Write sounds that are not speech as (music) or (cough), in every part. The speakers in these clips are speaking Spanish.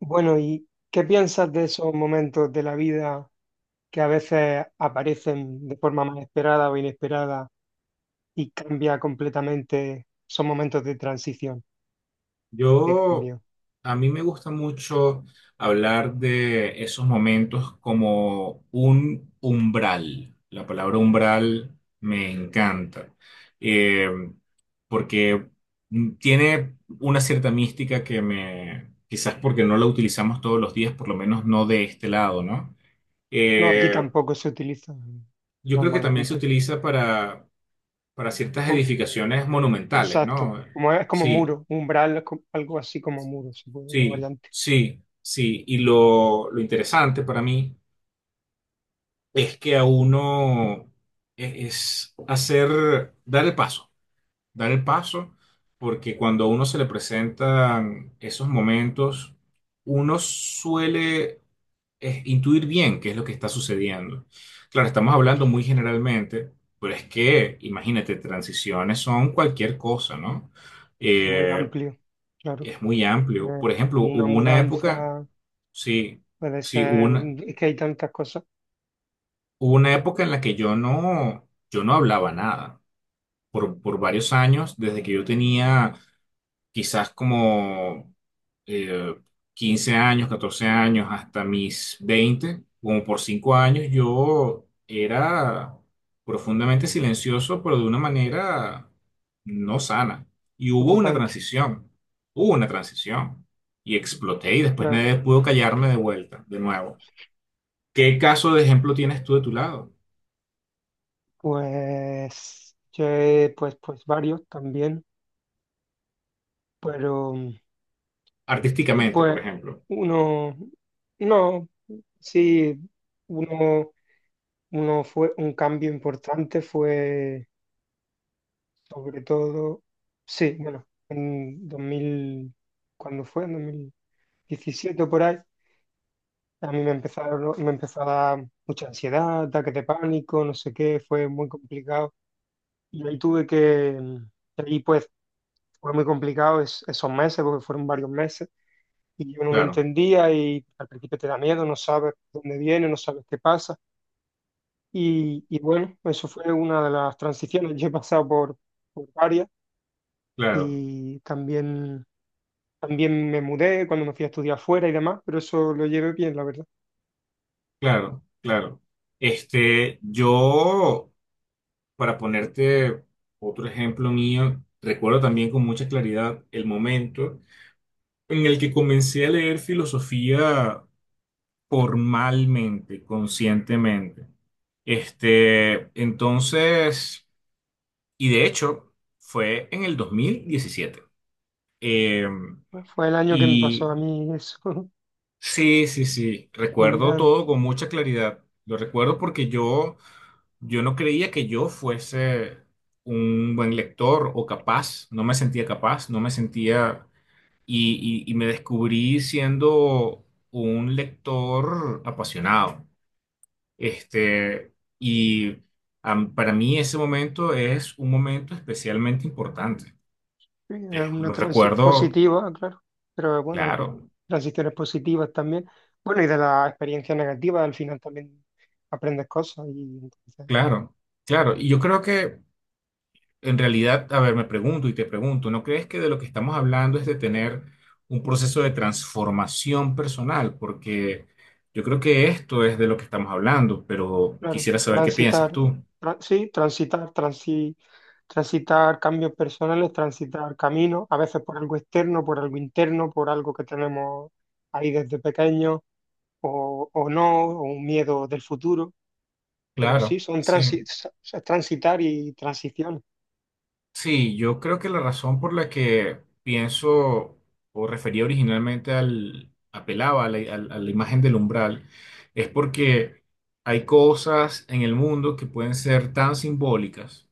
Bueno, ¿y qué piensas de esos momentos de la vida que a veces aparecen de forma más esperada o inesperada y cambia completamente? Son momentos de transición y de Yo, cambio. a mí me gusta mucho hablar de esos momentos como un umbral. La palabra umbral me encanta, eh, porque tiene una cierta mística que me, quizás porque no la utilizamos todos los días, por lo menos no de este lado, ¿no? No, aquí Eh, tampoco se utiliza yo creo que también se normalmente. utiliza para ciertas Com- edificaciones monumentales, Exacto, ¿no? como es como Sí. muro, umbral, es algo así como muro, se puede una Sí, variante sí, sí. Y lo interesante para mí es que a uno es hacer, dar el paso, porque cuando a uno se le presentan esos momentos, uno suele intuir bien qué es lo que está sucediendo. Claro, estamos hablando muy generalmente, pero es que, imagínate, transiciones son cualquier cosa, ¿no? muy Eh, amplio, claro. es muy amplio. Eh, Por ejemplo, una hubo una época, mudanza, sí, puede sí, ser, es que hay tantas cosas hubo una época en la que yo no hablaba nada. Por varios años, desde que yo tenía quizás como eh, 15 años, 14 años, hasta mis 20 como por 5 años, yo era profundamente silencioso, pero de una manera no sana. Y preocupantes, hubo una transición. Y exploté y después claro. nadie pudo callarme de vuelta, de nuevo. ¿Qué caso de ejemplo tienes tú de tu lado? Pues, che, pues varios también, pero sí, Artísticamente, por pues ejemplo. uno, no, sí, uno, uno fue un cambio importante fue sobre todo, sí, bueno, en 2000 ¿cuándo fue? En 2017, por ahí. A mí me empezaron, me empezó a dar mucha ansiedad, ataques de pánico, no sé qué, fue muy complicado. Y ahí tuve que, ahí pues fue muy complicado esos meses, porque fueron varios meses, y yo no lo Claro, entendía, y al principio te da miedo, no sabes dónde viene, no sabes qué pasa. Y bueno, eso fue una de las transiciones. (laughs) Yo he pasado por varias, claro, y también, también me mudé cuando me fui a estudiar fuera y demás, pero eso lo llevé bien, la verdad. claro, claro. Este, yo Para ponerte otro ejemplo mío, recuerdo también con mucha claridad el momento en el que comencé a leer filosofía formalmente, conscientemente. Este, entonces, y de hecho, fue en el 2017. Eh, Fue el año que me pasó y a mí eso, (laughs) sí, sí, sí, en recuerdo verano. todo con mucha claridad. Lo recuerdo porque yo no creía que yo fuese un buen lector o capaz, no me sentía capaz, no me sentía y, y me descubrí siendo un lector apasionado. Este, y para mí ese momento es un momento especialmente importante. Sí, es una Lo transición recuerdo, positiva, claro, pero bueno, hay claro, transiciones positivas también. Bueno, y de la experiencia negativa al final también aprendes cosas y entonces, claro, claro. Y yo creo que en realidad, a ver, me pregunto y te pregunto, ¿no crees que de lo que estamos hablando es de tener un proceso de transformación personal? Porque yo creo que esto es de lo que estamos hablando, pero claro, quisiera saber qué piensas transitar, tú. Sí, transitar, transitar cambios personales, transitar caminos, a veces por algo externo, por algo interno, por algo que tenemos ahí desde pequeño o no, o un miedo del futuro, pero sí, Claro, son sí. Transitar y transiciones. Sí, yo creo que la razón por la que pienso o refería originalmente al, apelaba a la, a la imagen del umbral, es porque hay cosas en el mundo que pueden ser tan simbólicas,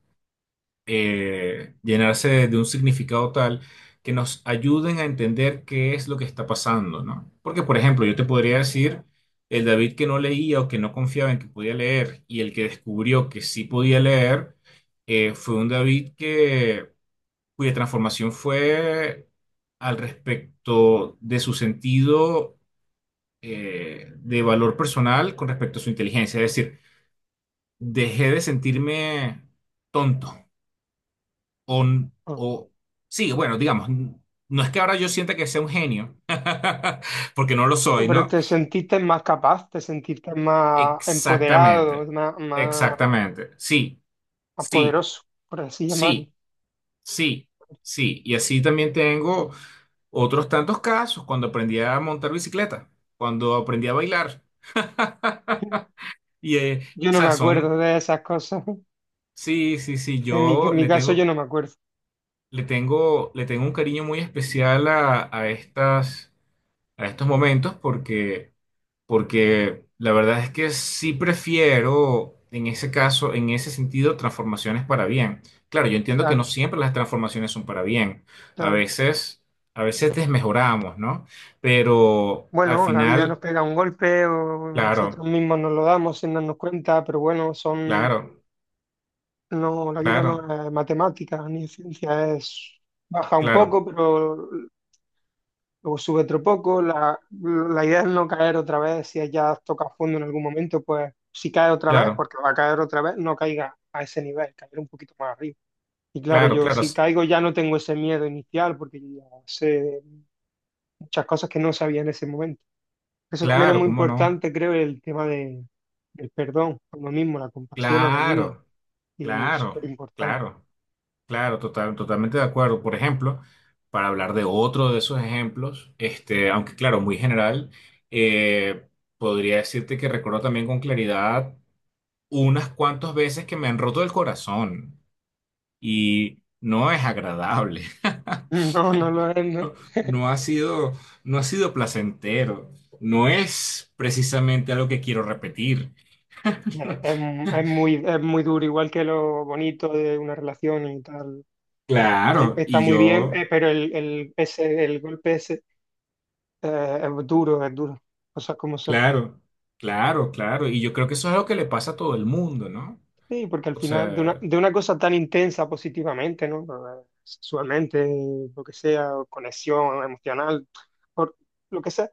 llenarse de un significado tal que nos ayuden a entender qué es lo que está pasando, ¿no? Porque, por ejemplo, yo te podría decir, el David que no leía o que no confiaba en que podía leer y el que descubrió que sí podía leer, fue un David que, cuya transformación fue al respecto de su sentido, de valor personal con respecto a su inteligencia. Es decir, dejé de sentirme tonto o, Ah. o sí, bueno, digamos, no es que ahora yo sienta que sea un genio, (laughs) porque no lo soy, Pero ¿no? te sentiste más capaz, te sentiste más empoderado, Exactamente, más, más, exactamente. Sí, más sí, poderoso, por así llamarlo. sí, sí, sí. Y así también tengo otros tantos casos cuando aprendí a montar bicicleta, cuando aprendí a bailar. Y, Yo o no me sea, acuerdo son, de esas cosas. sí, sí, sí, En mi, en yo mi le caso yo tengo, no me acuerdo. le tengo, le tengo un cariño muy especial a estas, a estos momentos porque... porque la verdad es que sí prefiero, en ese caso, en ese sentido, transformaciones para bien. Claro, yo entiendo que no Claro, siempre las transformaciones son para bien. A claro. veces, a veces desmejoramos, ¿no? Pero al Bueno, la vida nos final, pega un golpe o nosotros claro, mismos nos lo damos sin darnos cuenta, pero bueno, son, claro, no, la vida claro, no es matemática ni es ciencia, es baja un claro, poco, pero luego sube otro poco. La idea es no caer otra vez. Si ya has tocado fondo en algún momento, pues si cae otra vez, claro, porque va a caer otra vez, no caiga a ese nivel, caer un poquito más arriba. Y claro, claro, yo claro, si caigo ya no tengo ese miedo inicial porque yo ya sé muchas cosas que no sabía en ese momento. Eso también es claro, muy ¿cómo no? importante, creo, el tema de, del perdón a uno mismo, la compasión a uno mismo. Claro, Y es súper claro, importante. (laughs) claro. Claro, total, totalmente de acuerdo. Por ejemplo, para hablar de otro de esos ejemplos, este, aunque claro, muy general, eh, podría decirte que recuerdo también con claridad unas cuantas veces que me han roto el corazón y no es agradable. (laughs) No, no lo es, ¿no? No, no ha (laughs) sido, no ha sido placentero. No es precisamente algo que quiero repetir. (laughs) Es, es muy duro, igual que lo bonito de una relación y tal. Claro, Está y muy bien, yo pero el golpe ese, es duro, es duro. Cosas como son. claro, claro, claro. Y yo creo que eso es algo que le pasa a todo el mundo, ¿no? Sí, porque al O final, de una, sea, de una cosa tan intensa positivamente, ¿no? Sexualmente, lo que sea, o conexión emocional, por lo que sea.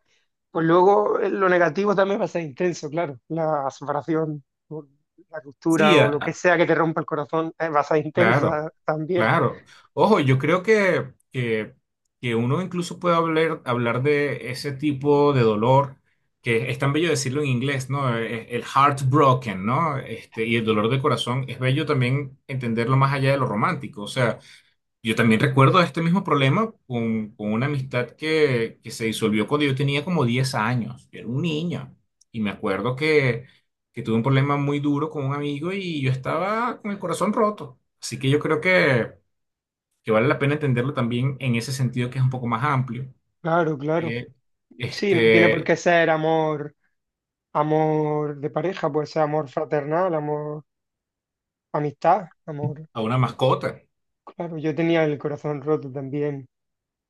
Pues luego lo negativo también va a ser intenso, claro. La separación, o la ruptura sí, o lo que sea que te rompa el corazón, va a ser claro, intensa también. claro. Ojo, yo creo que uno incluso puede hablar de ese tipo de dolor, que es tan bello decirlo en inglés, ¿no? El heartbroken, ¿no? Este, y el dolor de corazón, es bello también entenderlo más allá de lo romántico. O sea, yo también recuerdo este mismo problema con una amistad que se disolvió cuando yo tenía como 10 años. Yo era un niño. Y me acuerdo que tuve un problema muy duro con un amigo y yo estaba con el corazón roto. Así que yo creo que vale la pena entenderlo también en ese sentido que es un poco más amplio Claro, claro. que Sí, no tiene por este, qué ser amor. Amor de pareja, puede ser amor fraternal, amor, amistad, amor. a una mascota. Claro, yo tenía el corazón roto también.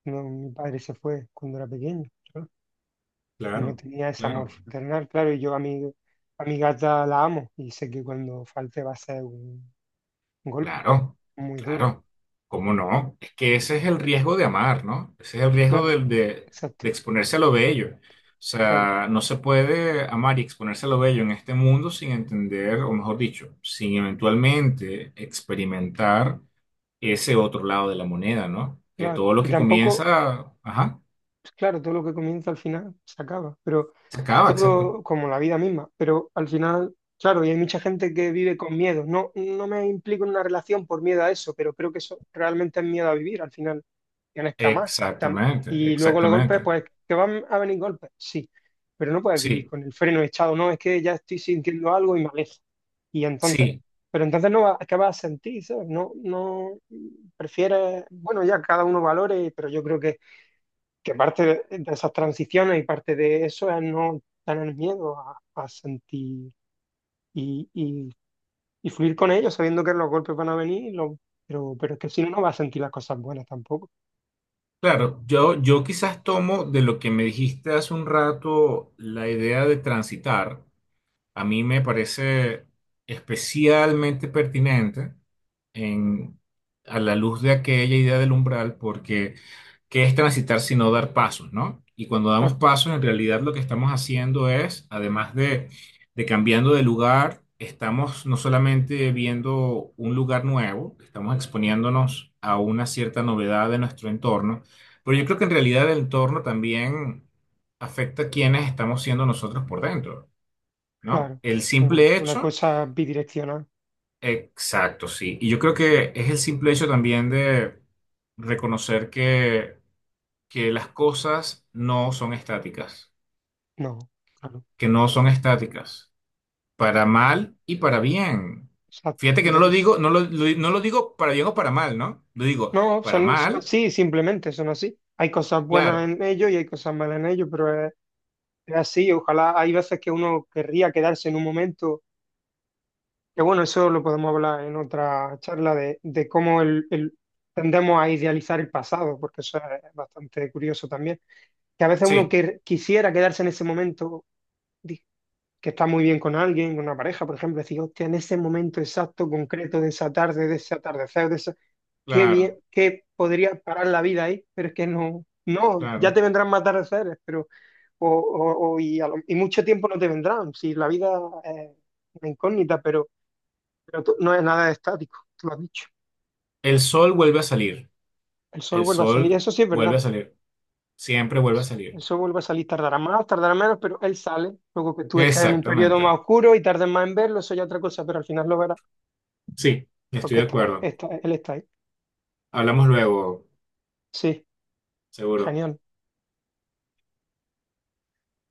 No, mi padre se fue cuando era pequeño. Yo no Claro, tenía ese amor claro. fraternal, claro, y yo a mi gata la amo y sé que cuando falte va a ser un golpe Claro, muy duro. claro. ¿Cómo no? Es que ese es el riesgo de amar, ¿no? Ese es el riesgo Claro, de, de exacto, exponerse a lo bello. O claro, sea, no se puede amar y exponerse a lo bello en este mundo sin entender, o mejor dicho, sin eventualmente experimentar ese otro lado de la moneda, ¿no? Que claro. todo lo Y que tampoco, comienza, ajá, pues claro, todo lo que comienza al final se acaba, pero se acaba, exacto. todo como la vida misma, pero al final, claro, y hay mucha gente que vive con miedo. No, no me implico en una relación por miedo a eso, pero creo que eso realmente es miedo a vivir. Al final tienes que amar. Tam- Exactamente, Y luego los golpes, exactamente. pues que van a venir golpes, sí, pero no puedes vivir Sí, con el freno echado, no, es que ya estoy sintiendo algo y me alejo. Y entonces, sí. pero entonces no vas, ¿qué vas a sentir? ¿Sabes? No, no, prefieres, bueno, ya cada uno valore, pero yo creo que parte de esas transiciones y parte de eso es no tener miedo a sentir y, y- y fluir con ellos, sabiendo que los golpes van a venir, pero es que si no, no vas a sentir las cosas buenas tampoco. Claro, yo quizás tomo de lo que me dijiste hace un rato la idea de transitar. A mí me parece especialmente pertinente en, a la luz de aquella idea del umbral, porque ¿qué es transitar sino dar pasos, ¿no? Y cuando damos Claro, pasos, en realidad lo que estamos haciendo es, además de cambiando de lugar, estamos no solamente viendo un lugar nuevo, estamos exponiéndonos a una cierta novedad de nuestro entorno, pero yo creo que en realidad el entorno también afecta a quienes estamos siendo nosotros por dentro, ¿no? claro. El Una, simple una hecho, cosa bidireccional, exacto, sí. Y yo creo que es el simple hecho también de reconocer que las cosas no son estáticas, no, claro, que no son estáticas, para mal y para bien. exacto. Fíjate Y que no por lo eso. digo, no lo digo para bien o para mal, ¿no? Lo digo No, para son mal, así, simplemente son así. Hay cosas buenas claro, en ellos y hay cosas malas en ellos, pero es así. Ojalá hay veces que uno querría quedarse en un momento. Que bueno, eso lo podemos hablar en otra charla de cómo tendemos a idealizar el pasado, porque eso es bastante curioso también. Que a veces uno sí, que, quisiera quedarse en ese momento, di- que está muy bien con alguien, con una pareja, por ejemplo, decir, hostia, en ese momento exacto, concreto de esa tarde, de ese atardecer, de esa, qué bien, claro, que podría parar la vida ahí, pero es que no, no, ya te claro. vendrán más atardeceres, pero, y, y mucho tiempo no te vendrán, si la vida es una incógnita, pero no es nada estático, tú lo has dicho. El sol vuelve a salir, El sol el vuelve a salir, sol eso sí es vuelve verdad. a salir, siempre vuelve a El salir. sol vuelve a salir, tardará más, tardará menos, pero él sale. Luego que tú estés en un periodo más Exactamente, oscuro y tardes más en verlo, eso ya es otra cosa, pero al final lo verás, sí, estoy porque de acuerdo. Él está ahí. Hablamos luego, Sí, seguro. genial.